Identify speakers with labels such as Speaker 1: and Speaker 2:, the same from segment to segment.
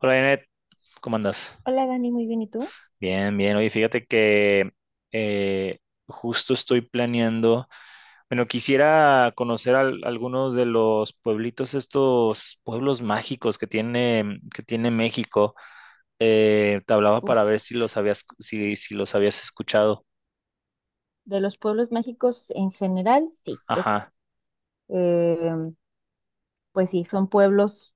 Speaker 1: Hola, Janet, ¿cómo andas?
Speaker 2: Hola Dani, muy bien, ¿y tú?
Speaker 1: Bien, bien. Oye, fíjate que eh, justo estoy planeando. Bueno, quisiera conocer algunos de los pueblitos, estos pueblos mágicos que tiene México. Te hablaba para
Speaker 2: Uf,
Speaker 1: ver si los habías, si los habías escuchado.
Speaker 2: de los pueblos mágicos en general, sí,
Speaker 1: Ajá.
Speaker 2: eh, pues sí, son pueblos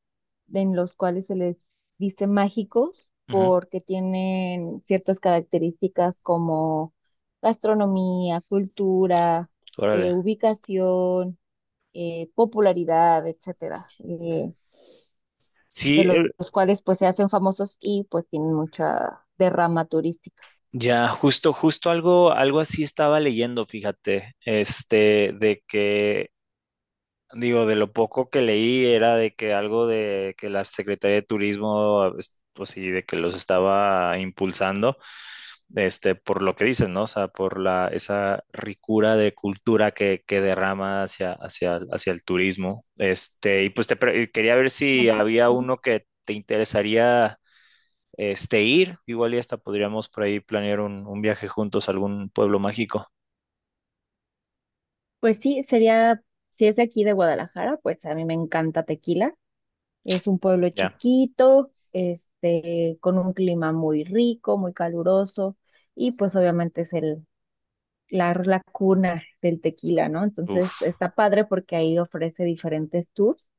Speaker 2: en los cuales se les dice mágicos
Speaker 1: Ujú.
Speaker 2: porque tienen ciertas características como gastronomía, cultura,
Speaker 1: Órale.
Speaker 2: ubicación, popularidad, etcétera, de
Speaker 1: Sí,
Speaker 2: los, los cuales pues se hacen famosos y pues tienen mucha derrama turística.
Speaker 1: ya, justo algo, algo así estaba leyendo, fíjate, este, de que digo, de lo poco que leí era de que algo de que la Secretaría de Turismo, pues sí, de que los estaba impulsando, este, por lo que dicen, ¿no? O sea, por la, esa ricura de cultura que derrama hacia, hacia, hacia el turismo. Este, y pues quería ver si había
Speaker 2: Ujú.
Speaker 1: uno que te interesaría, este, ir. Igual y hasta podríamos por ahí planear un viaje juntos a algún pueblo mágico.
Speaker 2: Pues sí, sería, si es de aquí de Guadalajara, pues a mí me encanta Tequila. Es un pueblo
Speaker 1: Ya.
Speaker 2: chiquito, este, con un clima muy rico, muy caluroso, y pues obviamente es la cuna del tequila, ¿no? Entonces
Speaker 1: Uf.
Speaker 2: está padre porque ahí ofrece diferentes tours.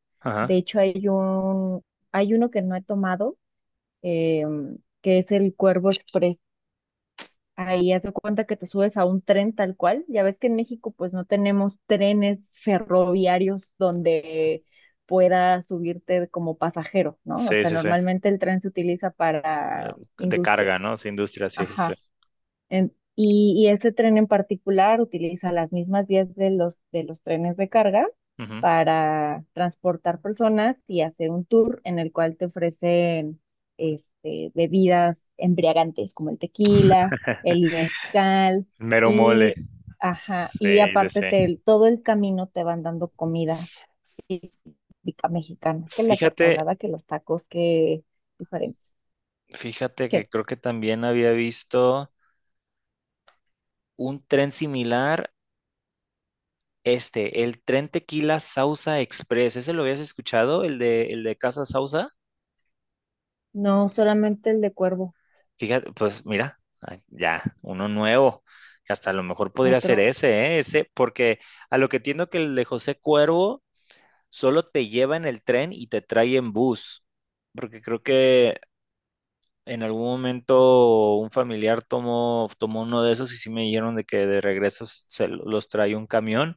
Speaker 2: De
Speaker 1: Ajá.
Speaker 2: hecho, hay uno que no he tomado, que es el Cuervo Express. Ahí haz de cuenta que te subes a un tren tal cual. Ya ves que en México pues no tenemos trenes ferroviarios donde puedas subirte como pasajero, ¿no? O
Speaker 1: Sí,
Speaker 2: sea,
Speaker 1: sí, sí.
Speaker 2: normalmente el tren se utiliza para
Speaker 1: De
Speaker 2: industria.
Speaker 1: carga, ¿no? Sí, industria, sí, sí, sí.
Speaker 2: Ajá. Y este tren en particular utiliza las mismas vías de los trenes de carga
Speaker 1: Ujú.
Speaker 2: para transportar personas y hacer un tour en el cual te ofrecen este, bebidas embriagantes como el tequila, el mezcal
Speaker 1: Mero mole.
Speaker 2: y, ajá,
Speaker 1: Sí,
Speaker 2: y
Speaker 1: sí,
Speaker 2: aparte
Speaker 1: sí.
Speaker 2: todo el camino te van dando comida típica mexicana, que la torta
Speaker 1: Fíjate,
Speaker 2: ahogada, que los tacos, que diferentes.
Speaker 1: fíjate
Speaker 2: Que
Speaker 1: que creo que también había visto un tren similar, este, el tren Tequila Sausa Express. ¿Ese lo habías escuchado? El de Casa Sausa?
Speaker 2: no solamente el de Cuervo,
Speaker 1: Fíjate, pues mira, ay, ya, uno nuevo. Que hasta a lo mejor podría ser
Speaker 2: otro.
Speaker 1: ese, ¿eh? Ese, porque a lo que entiendo que el de José Cuervo solo te lleva en el tren y te trae en bus. Porque creo que en algún momento un familiar tomó uno de esos y sí me dijeron de que de regreso los trae un camión,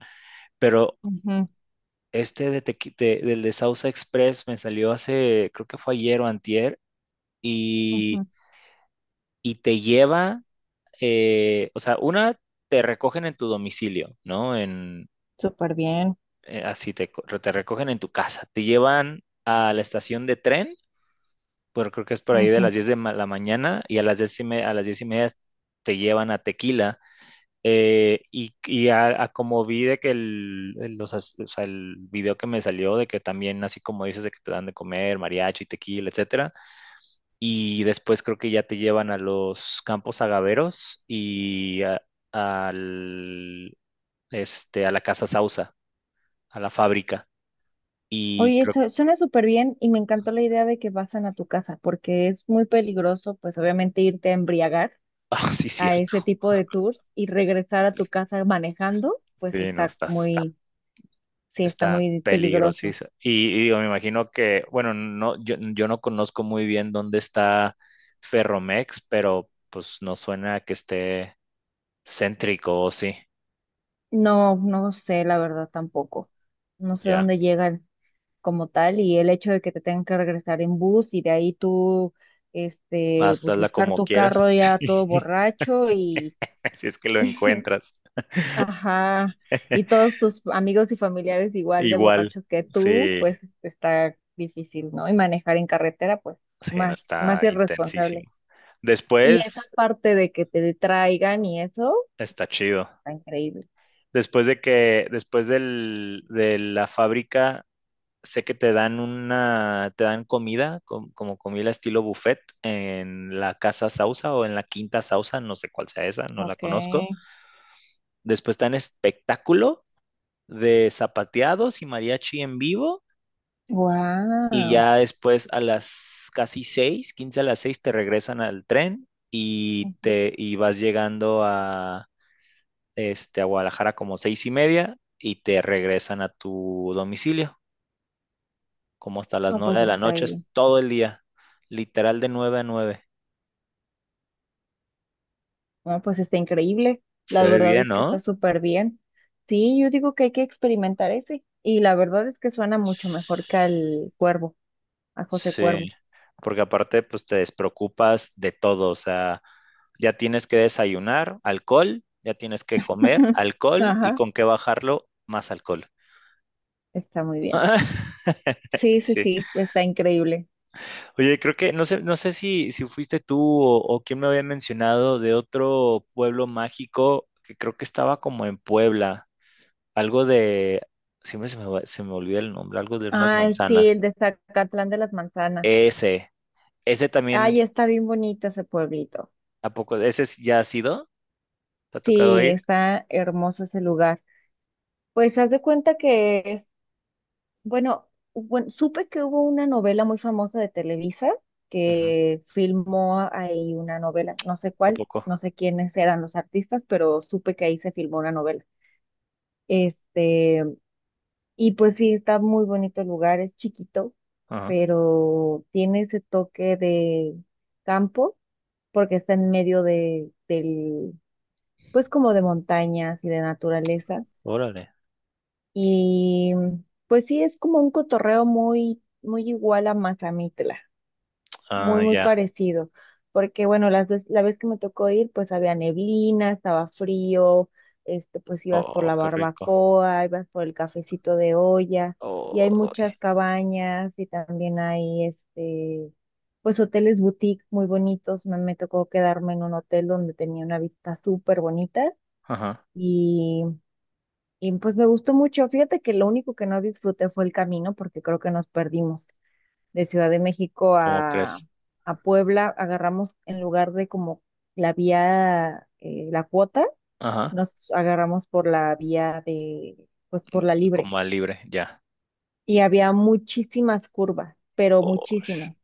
Speaker 1: pero
Speaker 2: Ujú,
Speaker 1: este del de Sausa Express me salió hace, creo que fue ayer o antier, y,
Speaker 2: ujú.
Speaker 1: y te lleva, o sea, una te recogen en tu domicilio, ¿no? En,
Speaker 2: Súper bien.
Speaker 1: así te, te recogen en tu casa, te llevan a la estación de tren, pero creo que es por ahí de
Speaker 2: Ujú.
Speaker 1: las 10 la mañana y a las 10 y media te llevan a Tequila. Y a como vi de que o sea, el video que me salió de que también, así como dices, de que te dan de comer mariachi, tequila, etcétera, y después creo que ya te llevan a los campos agaveros y al, este, a la Casa Sausa, a la fábrica, y
Speaker 2: Oye,
Speaker 1: creo,
Speaker 2: esto suena súper bien y me encantó la idea de que pasan a tu casa, porque es muy peligroso, pues obviamente irte a embriagar
Speaker 1: ah, sí,
Speaker 2: a
Speaker 1: cierto,
Speaker 2: ese tipo de tours y regresar a tu casa manejando, pues
Speaker 1: sí, no,
Speaker 2: está
Speaker 1: está,
Speaker 2: muy, sí, está
Speaker 1: está
Speaker 2: muy peligroso.
Speaker 1: peligrosísima. Y digo, me imagino que, bueno, no, yo no conozco muy bien dónde está Ferromex, pero pues no suena que esté céntrico, o sí.
Speaker 2: No, no sé, la verdad tampoco. No sé
Speaker 1: Ya,
Speaker 2: dónde llegan como tal y el hecho de que te tengan que regresar en bus y de ahí tú, este,
Speaker 1: hasta
Speaker 2: pues
Speaker 1: la
Speaker 2: buscar
Speaker 1: como
Speaker 2: tu carro
Speaker 1: quieras.
Speaker 2: ya todo borracho y
Speaker 1: Si es que lo encuentras.
Speaker 2: Ajá, y todos tus amigos y familiares igual de
Speaker 1: Igual,
Speaker 2: borrachos que tú,
Speaker 1: sí,
Speaker 2: pues está difícil, ¿no? Y manejar en carretera, pues
Speaker 1: sí, no
Speaker 2: más,
Speaker 1: está
Speaker 2: más irresponsable.
Speaker 1: intensísimo.
Speaker 2: Y esa
Speaker 1: Después
Speaker 2: parte de que te detraigan y eso,
Speaker 1: está chido.
Speaker 2: está increíble.
Speaker 1: Después de que, después de la fábrica sé que te dan comida, como comida estilo buffet, en la Casa Sausa o en la Quinta Sausa, no sé cuál sea esa, no la
Speaker 2: Ok.
Speaker 1: conozco. Después te dan espectáculo de zapateados y mariachi en vivo. Y
Speaker 2: Wow.
Speaker 1: ya después a las casi seis, 15 a las seis, te regresan al tren y te y vas llegando a, este, a Guadalajara como 6:30 y te regresan a tu domicilio, como hasta las
Speaker 2: No,
Speaker 1: nueve
Speaker 2: pues
Speaker 1: de la
Speaker 2: está
Speaker 1: noche,
Speaker 2: bien.
Speaker 1: es todo el día, literal de 9 a 9.
Speaker 2: No, pues está increíble. La
Speaker 1: Se ve
Speaker 2: verdad
Speaker 1: bien,
Speaker 2: es que está
Speaker 1: ¿no?
Speaker 2: súper bien. Sí, yo digo que hay que experimentar ese. Y la verdad es que suena mucho mejor que al Cuervo, a José Cuervo.
Speaker 1: Sí, porque aparte, pues te despreocupas de todo, o sea, ya tienes que desayunar, alcohol, ya tienes que comer, alcohol, y
Speaker 2: Ajá.
Speaker 1: con qué bajarlo, más alcohol.
Speaker 2: Está muy bien. Sí, sí,
Speaker 1: Sí.
Speaker 2: sí, está increíble.
Speaker 1: Oye, creo que no sé, no sé si fuiste tú o quién me había mencionado de otro pueblo mágico que creo que estaba como en Puebla. Algo de, siempre se me, se me olvida el nombre, algo de unas
Speaker 2: Ay, sí, el
Speaker 1: manzanas.
Speaker 2: de Zacatlán de las Manzanas.
Speaker 1: Ese, ese
Speaker 2: Ay,
Speaker 1: también,
Speaker 2: está bien bonito ese pueblito.
Speaker 1: ¿a poco? ¿Ese ya ha sido? ¿Te ha tocado
Speaker 2: Sí,
Speaker 1: ir?
Speaker 2: está hermoso ese lugar. Pues haz de cuenta que es, bueno, bueno, supe que hubo una novela muy famosa de Televisa
Speaker 1: Ujú.
Speaker 2: que filmó ahí una novela, no sé
Speaker 1: ¿A
Speaker 2: cuál,
Speaker 1: poco?
Speaker 2: no sé quiénes eran los artistas, pero supe que ahí se filmó una novela. Este, y pues sí, está muy bonito el lugar, es chiquito,
Speaker 1: Ajá.
Speaker 2: pero tiene ese toque de campo porque está en medio pues como de montañas y de naturaleza.
Speaker 1: Órale.
Speaker 2: Y pues sí, es como un cotorreo muy, muy igual a Mazamitla, muy,
Speaker 1: Ah,
Speaker 2: muy
Speaker 1: ya.
Speaker 2: parecido, porque bueno, la vez que me tocó ir, pues había neblina, estaba frío, este, pues ibas por
Speaker 1: Oh,
Speaker 2: la
Speaker 1: qué rico.
Speaker 2: barbacoa, ibas por el cafecito de olla, y hay
Speaker 1: Oh,
Speaker 2: muchas cabañas y también hay, este, pues hoteles boutique muy bonitos. Me tocó quedarme en un hotel donde tenía una vista súper bonita.
Speaker 1: ajá.
Speaker 2: Y, y pues me gustó mucho. Fíjate que lo único que no disfruté fue el camino porque creo que nos perdimos de Ciudad de México
Speaker 1: ¿Cómo
Speaker 2: a,
Speaker 1: crees?
Speaker 2: a Puebla, agarramos en lugar de como la vía, la cuota,
Speaker 1: Ajá.
Speaker 2: nos agarramos por la vía de, pues
Speaker 1: Mm,
Speaker 2: por la libre.
Speaker 1: como al libre, ya.
Speaker 2: Y había muchísimas curvas, pero
Speaker 1: Oh,
Speaker 2: muchísimas.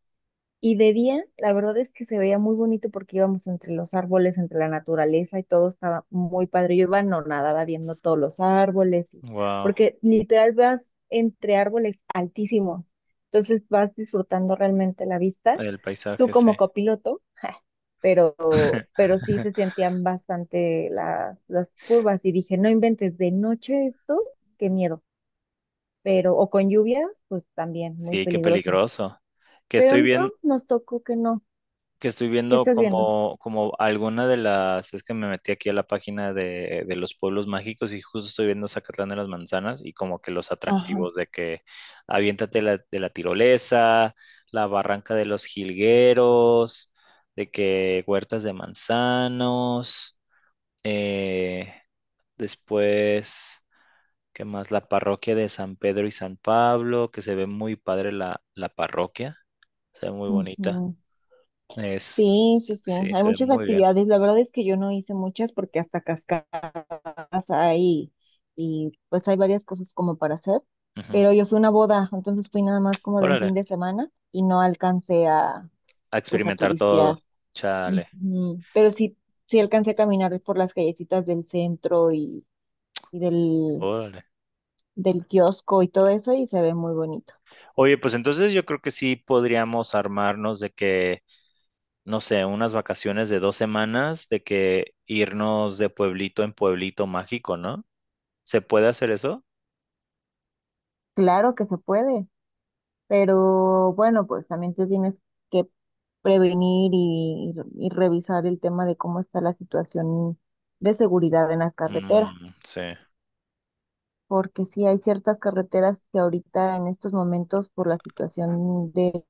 Speaker 2: Y de día, la verdad es que se veía muy bonito porque íbamos entre los árboles, entre la naturaleza y todo estaba muy padre. Yo iba anonadada viendo todos los árboles,
Speaker 1: wow.
Speaker 2: porque literal vas entre árboles altísimos. Entonces vas disfrutando realmente la vista
Speaker 1: El
Speaker 2: tú
Speaker 1: paisaje, sí.
Speaker 2: como copiloto, pero, pero sí se sentían bastante las curvas y dije, no inventes de noche esto, qué miedo, pero o con lluvias, pues también muy
Speaker 1: Sí, qué
Speaker 2: peligroso.
Speaker 1: peligroso. Que
Speaker 2: Pero
Speaker 1: estoy
Speaker 2: no,
Speaker 1: viendo.
Speaker 2: nos tocó que no.
Speaker 1: Que estoy
Speaker 2: ¿Qué
Speaker 1: viendo
Speaker 2: estás viendo?
Speaker 1: como, como alguna de las, es que me metí aquí a la página de los pueblos mágicos y justo estoy viendo Zacatlán de las Manzanas y como que los
Speaker 2: Ajá.
Speaker 1: atractivos de que aviéntate de la tirolesa, la barranca de los jilgueros, de que huertas de manzanos, eh, después, ¿qué más? La parroquia de San Pedro y San Pablo, que se ve muy padre la parroquia, se ve muy bonita.
Speaker 2: Ujú.
Speaker 1: Es,
Speaker 2: Sí, sí, sí,
Speaker 1: sí,
Speaker 2: hay
Speaker 1: se ve
Speaker 2: muchas
Speaker 1: muy bien.
Speaker 2: actividades. La verdad es que yo no hice muchas porque hasta cascadas hay y pues hay varias cosas como para hacer,
Speaker 1: Ujú.
Speaker 2: pero yo fui a una boda, entonces fui nada más como de un fin
Speaker 1: Órale,
Speaker 2: de semana y no alcancé a
Speaker 1: a
Speaker 2: pues a
Speaker 1: experimentar todo.
Speaker 2: turistear.
Speaker 1: Chale,
Speaker 2: Ujú. Pero sí, sí alcancé a caminar por las callecitas del centro y del,
Speaker 1: órale.
Speaker 2: del kiosco y todo eso y se ve muy bonito.
Speaker 1: Oye, pues entonces yo creo que sí podríamos armarnos de que, no sé, unas vacaciones de 2 semanas, de que irnos de pueblito en pueblito mágico, ¿no? ¿Se puede hacer eso?
Speaker 2: Claro que se puede, pero bueno, pues también te tienes que prevenir y revisar el tema de cómo está la situación de seguridad en las carreteras,
Speaker 1: Mm, sí,
Speaker 2: porque sí hay ciertas carreteras que ahorita en estos momentos por la situación de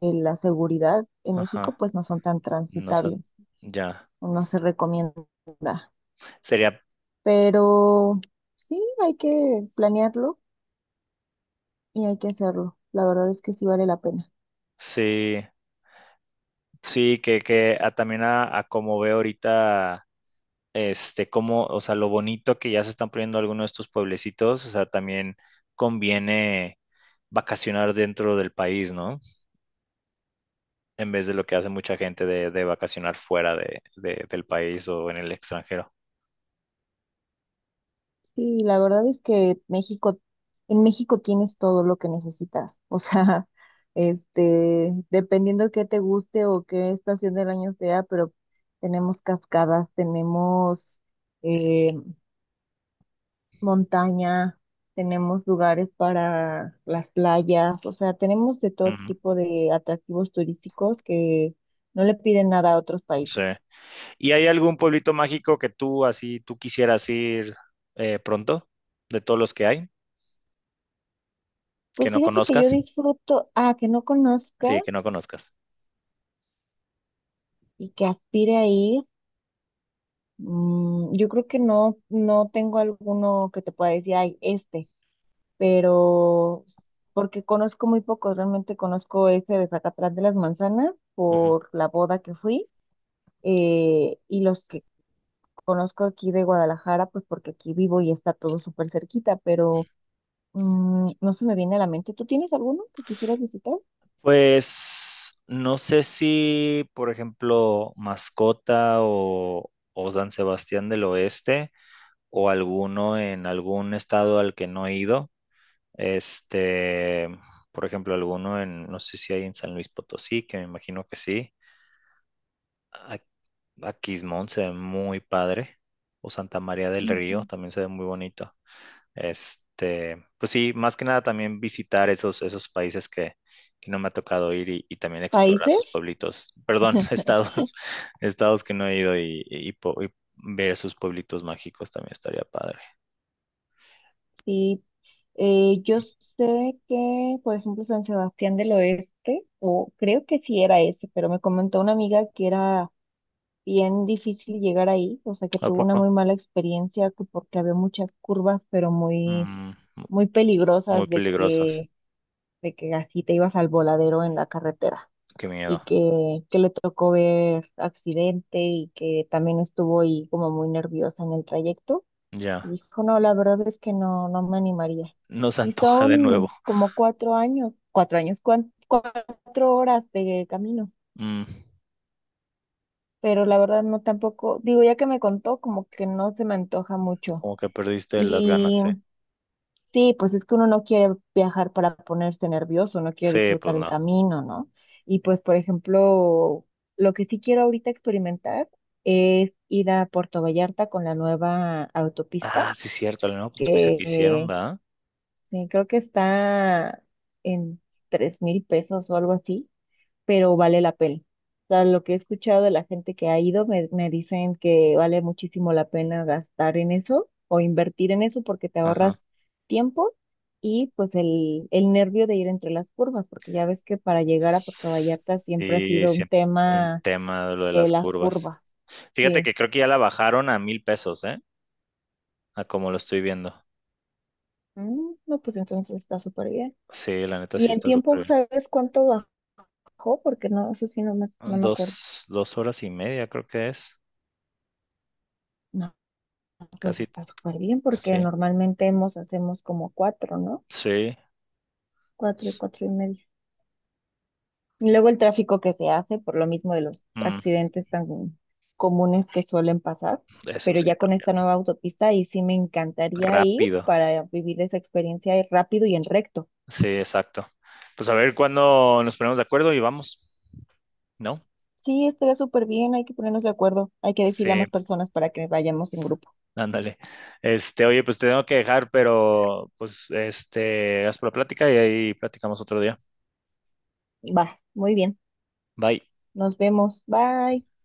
Speaker 2: de la seguridad en México
Speaker 1: ajá.
Speaker 2: pues no son tan
Speaker 1: No sé,
Speaker 2: transitables.
Speaker 1: ya.
Speaker 2: No se recomienda.
Speaker 1: Sería,
Speaker 2: Pero sí, hay que planearlo y hay que hacerlo. La verdad es que sí vale la pena.
Speaker 1: sí, sí, que también a como veo ahorita, este, cómo, o sea, lo bonito que ya se están poniendo algunos de estos pueblecitos, o sea, también conviene vacacionar dentro del país, ¿no? En vez de lo que hace mucha gente de vacacionar fuera del país o en el extranjero.
Speaker 2: Sí, la verdad es que México, en México tienes todo lo que necesitas. O sea, este, dependiendo qué te guste o qué estación del año sea, pero tenemos cascadas, tenemos eh, montaña, tenemos lugares para las playas, o sea, tenemos de todo
Speaker 1: Ujú,
Speaker 2: tipo de atractivos turísticos que no le piden nada a otros
Speaker 1: sí.
Speaker 2: países.
Speaker 1: ¿Y hay algún pueblito mágico que tú así, tú quisieras ir pronto, de todos los que hay, que
Speaker 2: Pues
Speaker 1: no
Speaker 2: fíjate que yo
Speaker 1: conozcas?
Speaker 2: disfruto, ah, que no conozca
Speaker 1: Sí, que no conozcas.
Speaker 2: y que aspire a ir. Yo creo que no, no tengo alguno que te pueda decir, ay, este, pero porque conozco muy pocos, realmente conozco ese de Zacatlán de las Manzanas
Speaker 1: Ujú.
Speaker 2: por la boda que fui, y los que conozco aquí de Guadalajara, pues porque aquí vivo y está todo súper cerquita, pero no se me viene a la mente. ¿Tú tienes alguno que quisieras visitar?
Speaker 1: Pues no sé si, por ejemplo, Mascota o San Sebastián del Oeste o alguno en algún estado al que no he ido. Este, por ejemplo, alguno en, no sé si hay en San Luis Potosí, que me imagino que sí. A, a Quismón se ve muy padre. O Santa María del Río
Speaker 2: Ujú.
Speaker 1: también se ve muy bonito. Este, pues sí, más que nada también visitar esos, esos países que no me ha tocado ir y también explorar
Speaker 2: ¿Países?
Speaker 1: sus pueblitos, perdón, estados, estados que no he ido y ver sus pueblitos mágicos también estaría padre.
Speaker 2: Sí, yo sé que, por ejemplo, San Sebastián del Oeste, o creo que sí era ese, pero me comentó una amiga que era bien difícil llegar ahí, o sea, que
Speaker 1: ¿A
Speaker 2: tuvo una
Speaker 1: poco?
Speaker 2: muy mala experiencia que porque había muchas curvas, pero muy,
Speaker 1: Mm, mu-
Speaker 2: muy
Speaker 1: muy
Speaker 2: peligrosas
Speaker 1: peligrosas.
Speaker 2: de que así te ibas al voladero en la carretera.
Speaker 1: Qué
Speaker 2: Y
Speaker 1: miedo.
Speaker 2: que le tocó ver accidente y que también estuvo ahí como muy nerviosa en el trayecto. Y
Speaker 1: Ya,
Speaker 2: dijo, no, la verdad es que no, no me animaría.
Speaker 1: no se
Speaker 2: Y
Speaker 1: antoja de nuevo.
Speaker 2: son como 4 horas de camino.
Speaker 1: Mm,
Speaker 2: Pero la verdad no tampoco, digo, ya que me contó, como que no se me antoja mucho.
Speaker 1: como que perdiste las ganas, sí.
Speaker 2: Sí, pues es que uno no quiere viajar para ponerse nervioso, no quiere
Speaker 1: Sí, pues
Speaker 2: disfrutar el
Speaker 1: no.
Speaker 2: camino, ¿no? Y pues, por ejemplo, lo que sí quiero ahorita experimentar es ir a Puerto Vallarta con la nueva autopista,
Speaker 1: Ah, sí, cierto, no, pues tuviste que
Speaker 2: que
Speaker 1: hicieron, ¿verdad?
Speaker 2: sí, creo que está en 3,000 pesos o algo así, pero vale la pena. O sea, lo que he escuchado de la gente que ha ido, me dicen que vale muchísimo la pena gastar en eso o invertir en eso porque te
Speaker 1: Ajá.
Speaker 2: ahorras tiempo y pues el nervio de ir entre las curvas, porque ya ves que para llegar a Puerto Vallarta siempre ha
Speaker 1: Sí,
Speaker 2: sido un
Speaker 1: siempre un
Speaker 2: tema
Speaker 1: tema de lo de
Speaker 2: de
Speaker 1: las
Speaker 2: las
Speaker 1: curvas.
Speaker 2: curvas.
Speaker 1: Fíjate
Speaker 2: Sí.
Speaker 1: que creo que ya la bajaron a 1,000 pesos, ¿eh? A como lo estoy viendo.
Speaker 2: No, pues entonces está súper bien.
Speaker 1: Sí, la neta sí
Speaker 2: ¿Y en
Speaker 1: está
Speaker 2: tiempo
Speaker 1: súper
Speaker 2: sabes cuánto bajó? Porque no, eso sí no me, no
Speaker 1: bien.
Speaker 2: me acuerdo.
Speaker 1: Dos horas y media creo que es.
Speaker 2: No. Pues
Speaker 1: Casi,
Speaker 2: está súper bien porque
Speaker 1: sí.
Speaker 2: normalmente hacemos como cuatro, ¿no?
Speaker 1: Sí,
Speaker 2: Cuatro y cuatro y medio. Y luego el tráfico que se hace por lo mismo de los
Speaker 1: mm,
Speaker 2: accidentes tan comunes que suelen pasar,
Speaker 1: eso
Speaker 2: pero
Speaker 1: sí
Speaker 2: ya con
Speaker 1: también.
Speaker 2: esta nueva autopista y sí me encantaría ir
Speaker 1: Rápido.
Speaker 2: para vivir esa experiencia y rápido y en recto.
Speaker 1: Sí, exacto. Pues a ver cuándo nos ponemos de acuerdo y vamos, ¿no?
Speaker 2: Sí, estaría súper bien, hay que ponernos de acuerdo, hay que decirle a
Speaker 1: Sí,
Speaker 2: más personas para que vayamos en grupo.
Speaker 1: ándale. Este, oye, pues te tengo que dejar, pero pues este, haz por la plática y ahí platicamos otro día.
Speaker 2: Va, muy bien,
Speaker 1: Bye.
Speaker 2: nos vemos, bye.